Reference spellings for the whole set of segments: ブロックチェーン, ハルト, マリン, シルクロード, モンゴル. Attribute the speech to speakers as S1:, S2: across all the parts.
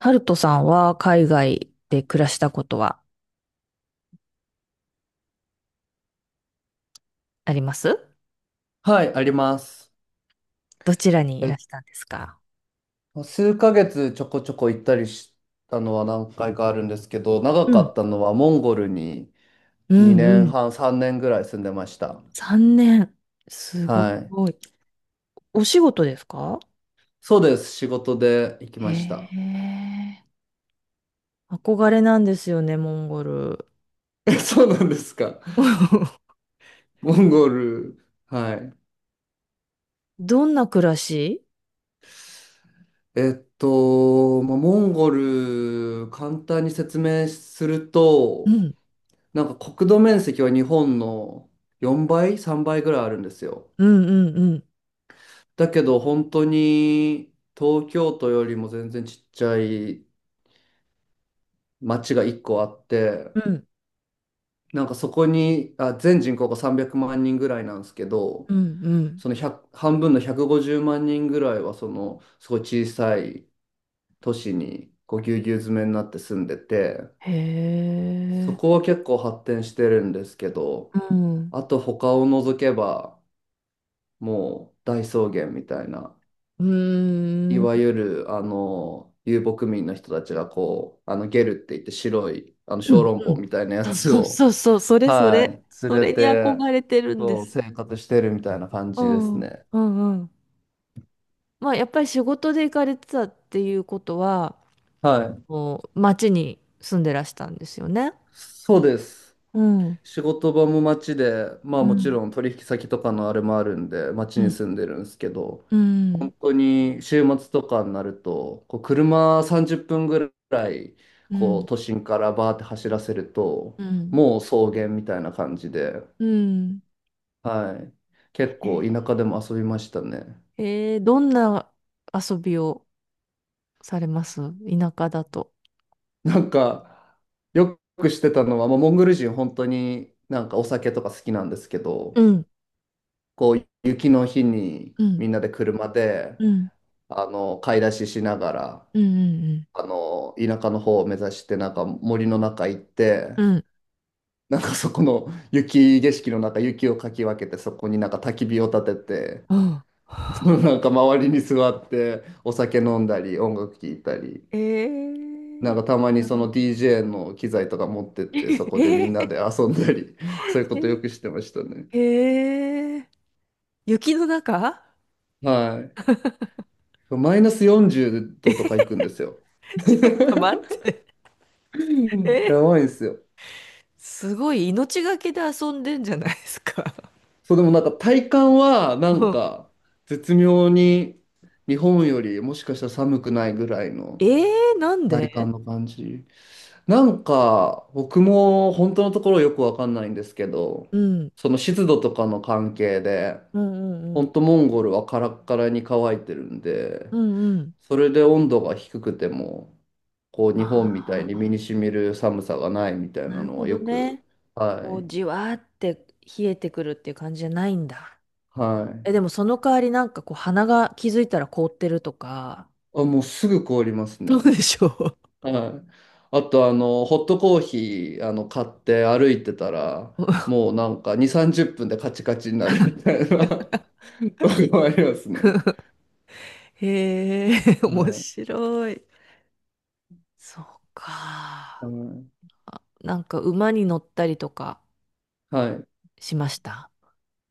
S1: ハルトさんは海外で暮らしたことはあります
S2: はい、あります。
S1: どちらにいら
S2: え
S1: したんですか？
S2: 数ヶ月ちょこちょこ行ったりしたのは何回かあるんですけど、長
S1: う
S2: かっ
S1: ん。
S2: たのはモンゴルに
S1: うん
S2: 2
S1: うねん。
S2: 年半、3年ぐらい住んでました。
S1: 3年。すご
S2: はい。
S1: い。お仕事ですか？
S2: そうです。仕事で行き
S1: へ
S2: ました。
S1: え。憧れなんですよね、モンゴル。
S2: え、そうなんですか。モンゴル。はい。
S1: どんな暮らし？
S2: まあ、モンゴル、簡単に説明する
S1: う
S2: と、
S1: ん。
S2: なんか国土面積は日本の4倍、3倍ぐらいあるんですよ。
S1: うんうんうん。
S2: だけど本当に東京都よりも全然ちっちゃい町が1個あって、
S1: うん。
S2: なんかそこに、あ、全人口が300万人ぐらいなんですけど、
S1: うんうん。
S2: その100、半分の150万人ぐらいはそのすごい小さい都市にこうぎゅうぎゅう詰めになって住んでて、
S1: へ
S2: そ
S1: え。
S2: こは結構発展してるんですけど、
S1: うん。
S2: あと他を除けばもう大草原みたいな。
S1: う
S2: い
S1: ーん。
S2: わゆる、遊牧民の人たちがこう、ゲルって言って白い、
S1: う
S2: 小
S1: ん
S2: 籠包みたいなや
S1: うん。
S2: つ
S1: そう
S2: を、
S1: そうそうそう。そ れそ
S2: は
S1: れ。
S2: い、連
S1: そ
S2: れ
S1: れに
S2: て、
S1: 憧れてるんで
S2: そう、
S1: す。
S2: 生活してるみたいな感
S1: う
S2: じです
S1: ん、
S2: ね。
S1: うんうん。まあやっぱり仕事で行かれてたっていうことは、
S2: はい。
S1: こう町に住んでらしたんですよね。
S2: そうです。
S1: うん。
S2: 仕事場も街で、まあ
S1: う
S2: もち
S1: ん、
S2: ろん取引先とかのあれもあるんで、街
S1: う
S2: に住
S1: ん、
S2: んでるんですけど、
S1: う
S2: 本
S1: ん。
S2: 当に週末とかになると、こう車30分ぐらい、
S1: う
S2: こう
S1: ん。
S2: 都心からバーって走らせると、
S1: うん。
S2: もう草原みたいな感じで、
S1: うん
S2: はい。結構
S1: え
S2: 田舎でも遊びましたね。
S1: ーどんな遊びをされます田舎だと。
S2: なんか、よくしてたのは、まあ、モンゴル人本当になんかお酒とか好きなんですけ
S1: う
S2: ど、
S1: ん。
S2: こう雪の日に
S1: うん。
S2: みんなで車で、
S1: うん。
S2: 買い出ししながら、
S1: うん。
S2: 田舎の方を目指して、なんか森の中行って、
S1: うん。うん。
S2: なんかそこの雪景色の中、雪をかき分けて、そこになんか焚き火を立てて、
S1: うん。
S2: そのなんか周りに座って、お酒飲んだり、音楽聴いたり。
S1: え
S2: なん
S1: ー、
S2: かたまにその DJ の機材とか持ってっ
S1: え
S2: て、そこでみんな
S1: ー、
S2: で遊んだり、そういうことよく
S1: え
S2: してましたね。
S1: ー、えー雪の中、
S2: はい。マイナス40度とか行くんですよ。
S1: ちょっと待って。え、
S2: やばいんですよ。
S1: すごい命がけで遊んでんじゃないですか。
S2: そう、でもなんか体感はな
S1: う
S2: ん
S1: ん。
S2: か絶妙に日本よりもしかしたら寒くないぐらい
S1: え
S2: の
S1: ー、なん
S2: 体
S1: で？
S2: 感の感じ。なんか僕も本当のところよくわかんないんですけど、
S1: うん。
S2: その湿度とかの関係で
S1: うんうんう
S2: ほん
S1: ん。
S2: とモンゴルはカラッカラに乾いてるんで、
S1: うんうん。
S2: それで温度が低くても、こう日本みたい
S1: あ
S2: に身
S1: あ、
S2: に染みる寒さがないみたい
S1: な
S2: な
S1: る
S2: の
S1: ほ
S2: は
S1: ど
S2: よく、
S1: ね。
S2: は
S1: こう、
S2: い、
S1: じわーって冷えてくるっていう感じじゃないんだ。
S2: はい。
S1: え、でもその代わりなんかこう、鼻が気づいたら凍ってるとか、
S2: あ、もうすぐ凍ります
S1: どうで
S2: ね。
S1: しょ
S2: はい。あと、ホットコーヒー、買って歩いてたら、
S1: う。
S2: もうなんか2、30分でカチカチになるみた いな とこもあ りますね。
S1: へえ、面
S2: はい。
S1: 白い。そうか。
S2: はい。
S1: あ、なんか馬に乗ったりとか
S2: はい。
S1: しました？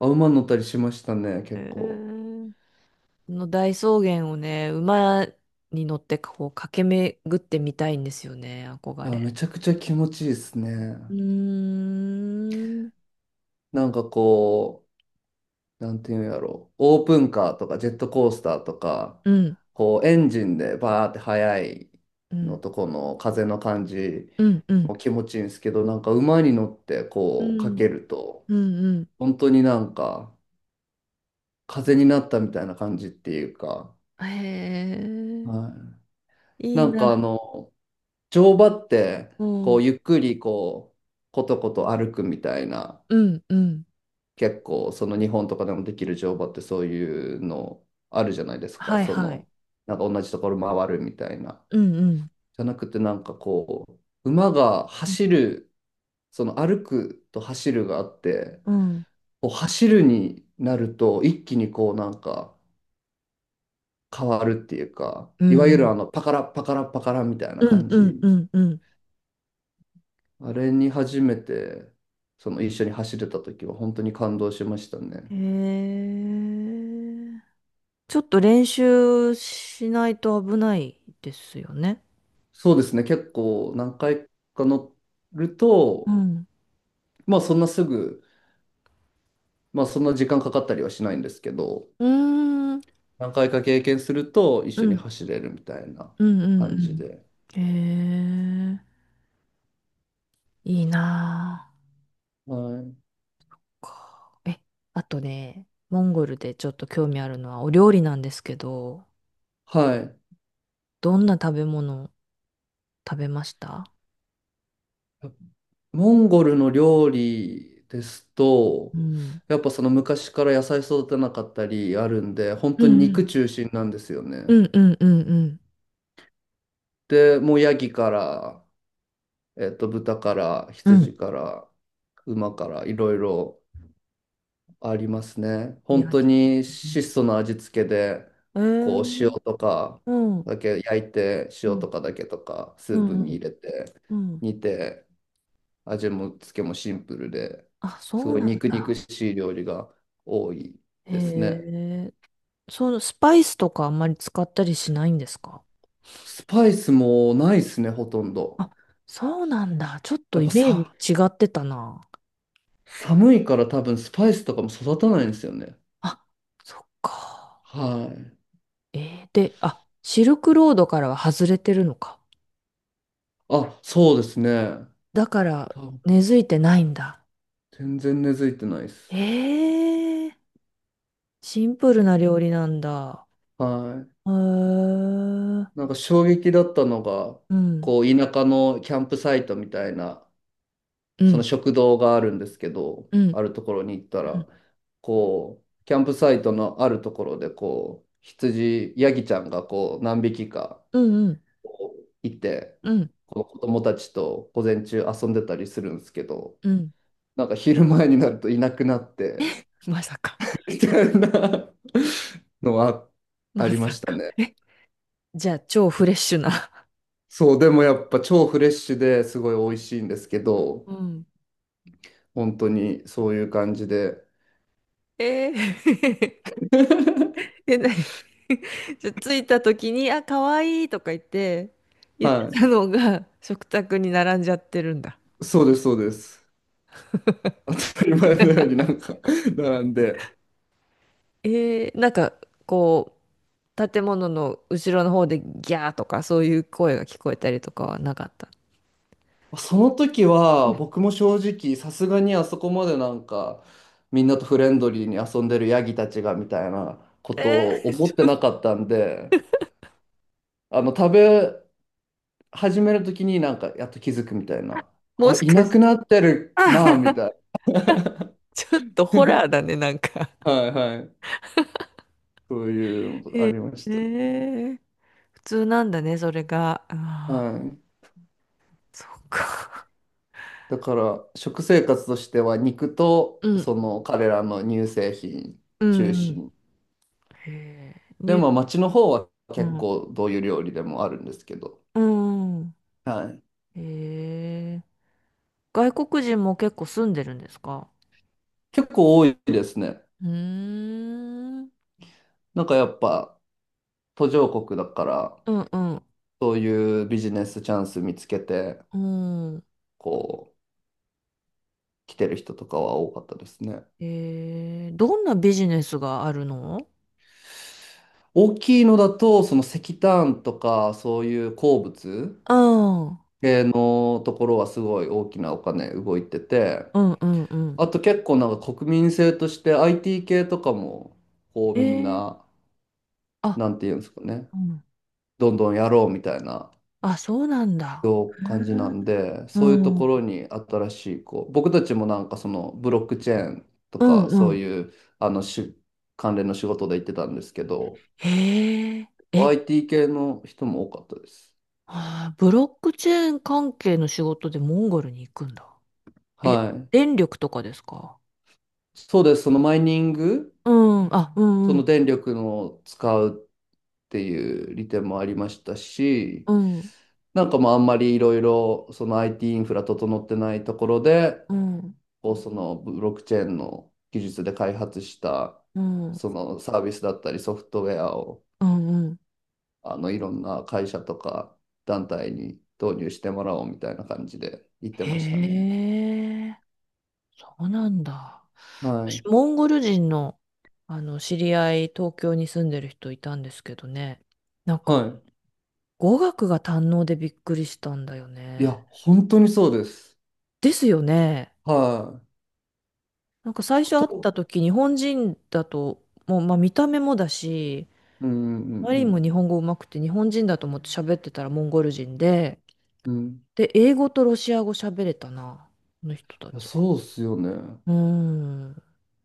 S2: あ、馬乗ったりしましたね、
S1: へ
S2: 結構。
S1: ー、この大草原をね、馬に乗ってこう駆け巡ってみたいんですよね、
S2: い
S1: 憧
S2: や、
S1: れ。
S2: めちゃくちゃ気持ちいいです
S1: う
S2: ね。
S1: ーん。
S2: なんかこう、なんていうんやろう、オープンカーとかジェットコースターとか、
S1: うん、
S2: こうエンジンでバーって速い
S1: う
S2: の
S1: ん、
S2: とこの風の感じ
S1: うん、うん、
S2: も気持ちいいんですけど、なんか馬に乗って
S1: う
S2: こうかけ
S1: ん、
S2: ると、
S1: うん、うん。
S2: 本当になんか風になったみたいな感じっていうか、
S1: へ
S2: は
S1: え、
S2: い、
S1: いい
S2: なんかあ
S1: な。
S2: の、乗馬って
S1: う
S2: こう
S1: ん、
S2: ゆっくりこう、ことこと歩くみたいな。
S1: うん、うん。
S2: 結構その日本とかでもできる乗馬ってそういうのあるじゃないですか。
S1: はい、
S2: そ
S1: はい。
S2: のなんか同じところ回るみたいな。
S1: うん、うん、
S2: じゃなくてなんかこう馬が
S1: うん、
S2: 走るその歩くと走るがあって
S1: うん、
S2: こう走るになると一気にこうなんか変わるっていうか
S1: う
S2: いわゆる
S1: ん、
S2: あのパカラパカラパカラみたいな
S1: うん、
S2: 感
S1: うん、
S2: じ。
S1: うん。う
S2: あれに初めてその一緒に走れた時は本当に感動しましたね。
S1: んへえ。ちょっと練習しないと危ないですよね。
S2: そうですね、結構何回か乗る
S1: う
S2: と、
S1: ん。
S2: まあそんなすぐ、まあそんな時間かかったりはしないんですけど、
S1: うーん。
S2: 何回か経験すると一
S1: う
S2: 緒に
S1: ん。
S2: 走れるみたいな
S1: うんうん
S2: 感じで。
S1: うん。へえ、いいな。
S2: はい。
S1: あかえ、あとね、モンゴルでちょっと興味あるのはお料理なんですけど、
S2: はい。
S1: どんな食べ物食べました？
S2: モンゴルの料理です
S1: う
S2: と、
S1: ん。
S2: やっぱその昔から野菜育てなかったりあるんで、本
S1: う
S2: 当に肉
S1: ん
S2: 中心なんですよね。
S1: うんうんうんうんうん。
S2: で、もうヤギから、豚から、
S1: うん。
S2: 羊から、馬から、いろいろ。ありますね。本
S1: 焼
S2: 当
S1: き。
S2: に質素な味付けで、
S1: え
S2: こう塩
S1: ー、
S2: とか
S1: うん。
S2: だけ焼いて、
S1: う
S2: 塩
S1: ん
S2: とかだけとか、ス
S1: う
S2: ープ
S1: んう
S2: に入
S1: ん
S2: れて、
S1: うん。
S2: 煮て、味も付けもシンプルで、
S1: あ、
S2: す
S1: そう
S2: ごい
S1: なん
S2: 肉肉
S1: だ。
S2: しい料理が多い
S1: へ
S2: ですね。
S1: え、そのスパイスとかあんまり使ったりしないんですか？
S2: スパイスもないですね、ほとんど。
S1: あ、そうなんだ。ちょっ
S2: や
S1: と
S2: っ
S1: イ
S2: ぱ
S1: メー
S2: さ、
S1: ジ違ってたな。
S2: 寒いから多分スパイスとかも育たないんですよね。
S1: あ、そっか。
S2: はい。
S1: えー、で、あ、シルクロードからは外れてるのか。
S2: あ、そうですね。
S1: だから、
S2: 多分
S1: 根付いてないんだ。
S2: 全然根付いてないです。
S1: えー、シンプルな料理なんだ。
S2: はい。
S1: へー、う
S2: なんか衝撃だったのが、
S1: ん、
S2: こう田舎のキャンプサイトみたいな、
S1: うん、
S2: その
S1: う
S2: 食堂があるんですけど、
S1: ん、うん、
S2: あるところに行ったら、こう、キャンプサイトのあるところで、こう、羊、ヤギちゃんがこう、何匹か
S1: うん、う
S2: こういて、
S1: ん、うん、
S2: こう子供たちと午前中遊んでたりするんですけど、
S1: うん。
S2: なんか昼前になるといなくなって、
S1: まさか、
S2: みたいなのはあ
S1: ま
S2: りま
S1: さ
S2: した
S1: か。
S2: ね。
S1: え、じゃあ、超フレッシュな。
S2: そう、でもやっぱ超フレッシュですごい美味しいんですけど、
S1: うん。
S2: 本当にそういう感じで。
S1: えー え、なに？ じゃ、着いた時に、あ、かわいいとか言って、言って
S2: は
S1: たのが食卓に並んじゃってるんだ。
S2: い。そうです、そうです。当たり前のようになんか 並んで。
S1: えー、なんか、こう、建物の後ろの方でギャーとかそういう声が聞こえたりとかはなかった？
S2: その時は僕も正直さすがにあそこまでなんかみんなとフレンドリーに遊んでるヤギたちがみたいなこと
S1: え
S2: を
S1: ー、
S2: 思
S1: ち
S2: って
S1: ょ、
S2: なかったんで、あの食べ始める時になんかやっと気づくみたいな。あ、いなくなってるなみたい
S1: ちょっとホ
S2: な。
S1: ラーだね、なんか。
S2: はいはい。そういうのありまし
S1: え
S2: たね。
S1: ー、普通なんだね、それが。あ
S2: は
S1: あ、
S2: い。
S1: そっか。
S2: だから食生活としては肉と
S1: うん、
S2: その彼らの乳製品
S1: うん、う
S2: 中
S1: ん。
S2: 心。
S1: へえ、
S2: で
S1: ニュー、
S2: も町の方は結構どういう料理でもあるんですけど、
S1: うん、うん。
S2: はい、
S1: へえ。外国人も結構住んでるんですか？
S2: 結構多いですね。
S1: うーん。うん
S2: なんかやっぱ途上国だから
S1: うん。
S2: そういうビジネスチャンス見つけて
S1: うん。
S2: こう来てる人とかは多かったですね。
S1: えー、どんなビジネスがあるの？
S2: 大きいのだとその石炭とかそういう鉱物
S1: うん。うん
S2: 系のところはすごい大きなお金動いてて。
S1: うんうんうん。
S2: あと結構なんか国民性として IT 系とかも、こう
S1: え
S2: みん
S1: ー
S2: な、
S1: あ
S2: なんていうんですかね、
S1: うん
S2: どんどんやろうみたいな
S1: あ、あ、そうなんだ。
S2: よう
S1: へ
S2: 感じな
S1: ー
S2: んで、そういうと
S1: う
S2: こ
S1: ん
S2: ろに新しい、こう、僕たちもなんかそのブロックチェーンと
S1: うん
S2: か、そ
S1: う
S2: う
S1: ん。
S2: いう、あのし、関連の仕事で行ってたんですけど、
S1: へえ、え、
S2: IT 系の人も多かったです。
S1: あー、ブロックチェーン関係の仕事でモンゴルに行くんだ。え、
S2: はい。
S1: 電力とかですか？
S2: そうです。そのマイニング、
S1: うん、あ、う
S2: そ
S1: んう
S2: の
S1: ん、
S2: 電力の使うっていう利点もありましたし、
S1: うん、
S2: なんかまああんまりいろいろその IT イティーインフラ整ってないところで、
S1: うん、
S2: こうそのブロックチェーンの技術で開発した
S1: うん、
S2: そのサービスだったりソフトウェアを
S1: うん、うん、
S2: いろんな会社とか団体に導入してもらおうみたいな感じで言って
S1: へ
S2: ましたね。
S1: え、そうなんだ。
S2: は
S1: 私、
S2: い。
S1: モンゴル人の、あの、知り合い、東京に住んでる人いたんですけどね。なん
S2: は
S1: か、語学が堪能でびっくりしたんだよ
S2: い。いや、
S1: ね。
S2: 本当にそうです。
S1: ですよね。
S2: はい。
S1: なんか最
S2: ほ
S1: 初会
S2: と
S1: っ
S2: んど、
S1: た時、日本人だと、もう、まあ見た目もだし、
S2: うんうん
S1: マ
S2: う
S1: リンも
S2: ん
S1: 日本語上手くて、日本人だと思って喋ってたらモンゴル人で、
S2: うん。うん。
S1: で、英語とロシア語喋れたな、この人た
S2: いや、
S1: ちは。
S2: そうっすよね。
S1: うーん。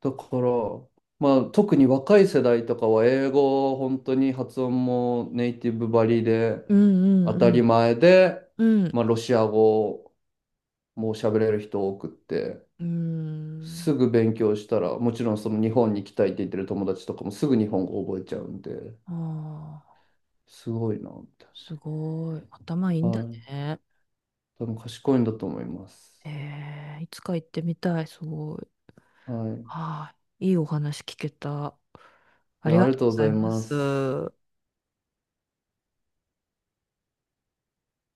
S2: だから、まあ、特に若い世代とかは英語を本当に発音もネイティブばりで
S1: うん
S2: 当
S1: う
S2: たり
S1: ん
S2: 前で、
S1: うん。うん
S2: まあ、ロシア語も喋れる人多くって
S1: うーん。
S2: すぐ勉強したらもちろんその日本に行きたいって言ってる友達とかもすぐ日本語覚えちゃうんで
S1: ああ、
S2: すごいなみたい
S1: すごい。頭いい
S2: な。
S1: んだ
S2: はい。
S1: ね。
S2: 多分賢いんだと思います。
S1: えー、いつか行ってみたい。すごい。
S2: はい。
S1: はい。いいお話聞けた。
S2: い
S1: あり
S2: や、あ
S1: が
S2: り
S1: と
S2: が
S1: う
S2: と
S1: ご
S2: うご
S1: ざ
S2: ざ
S1: い
S2: い
S1: ま
S2: ます。
S1: す。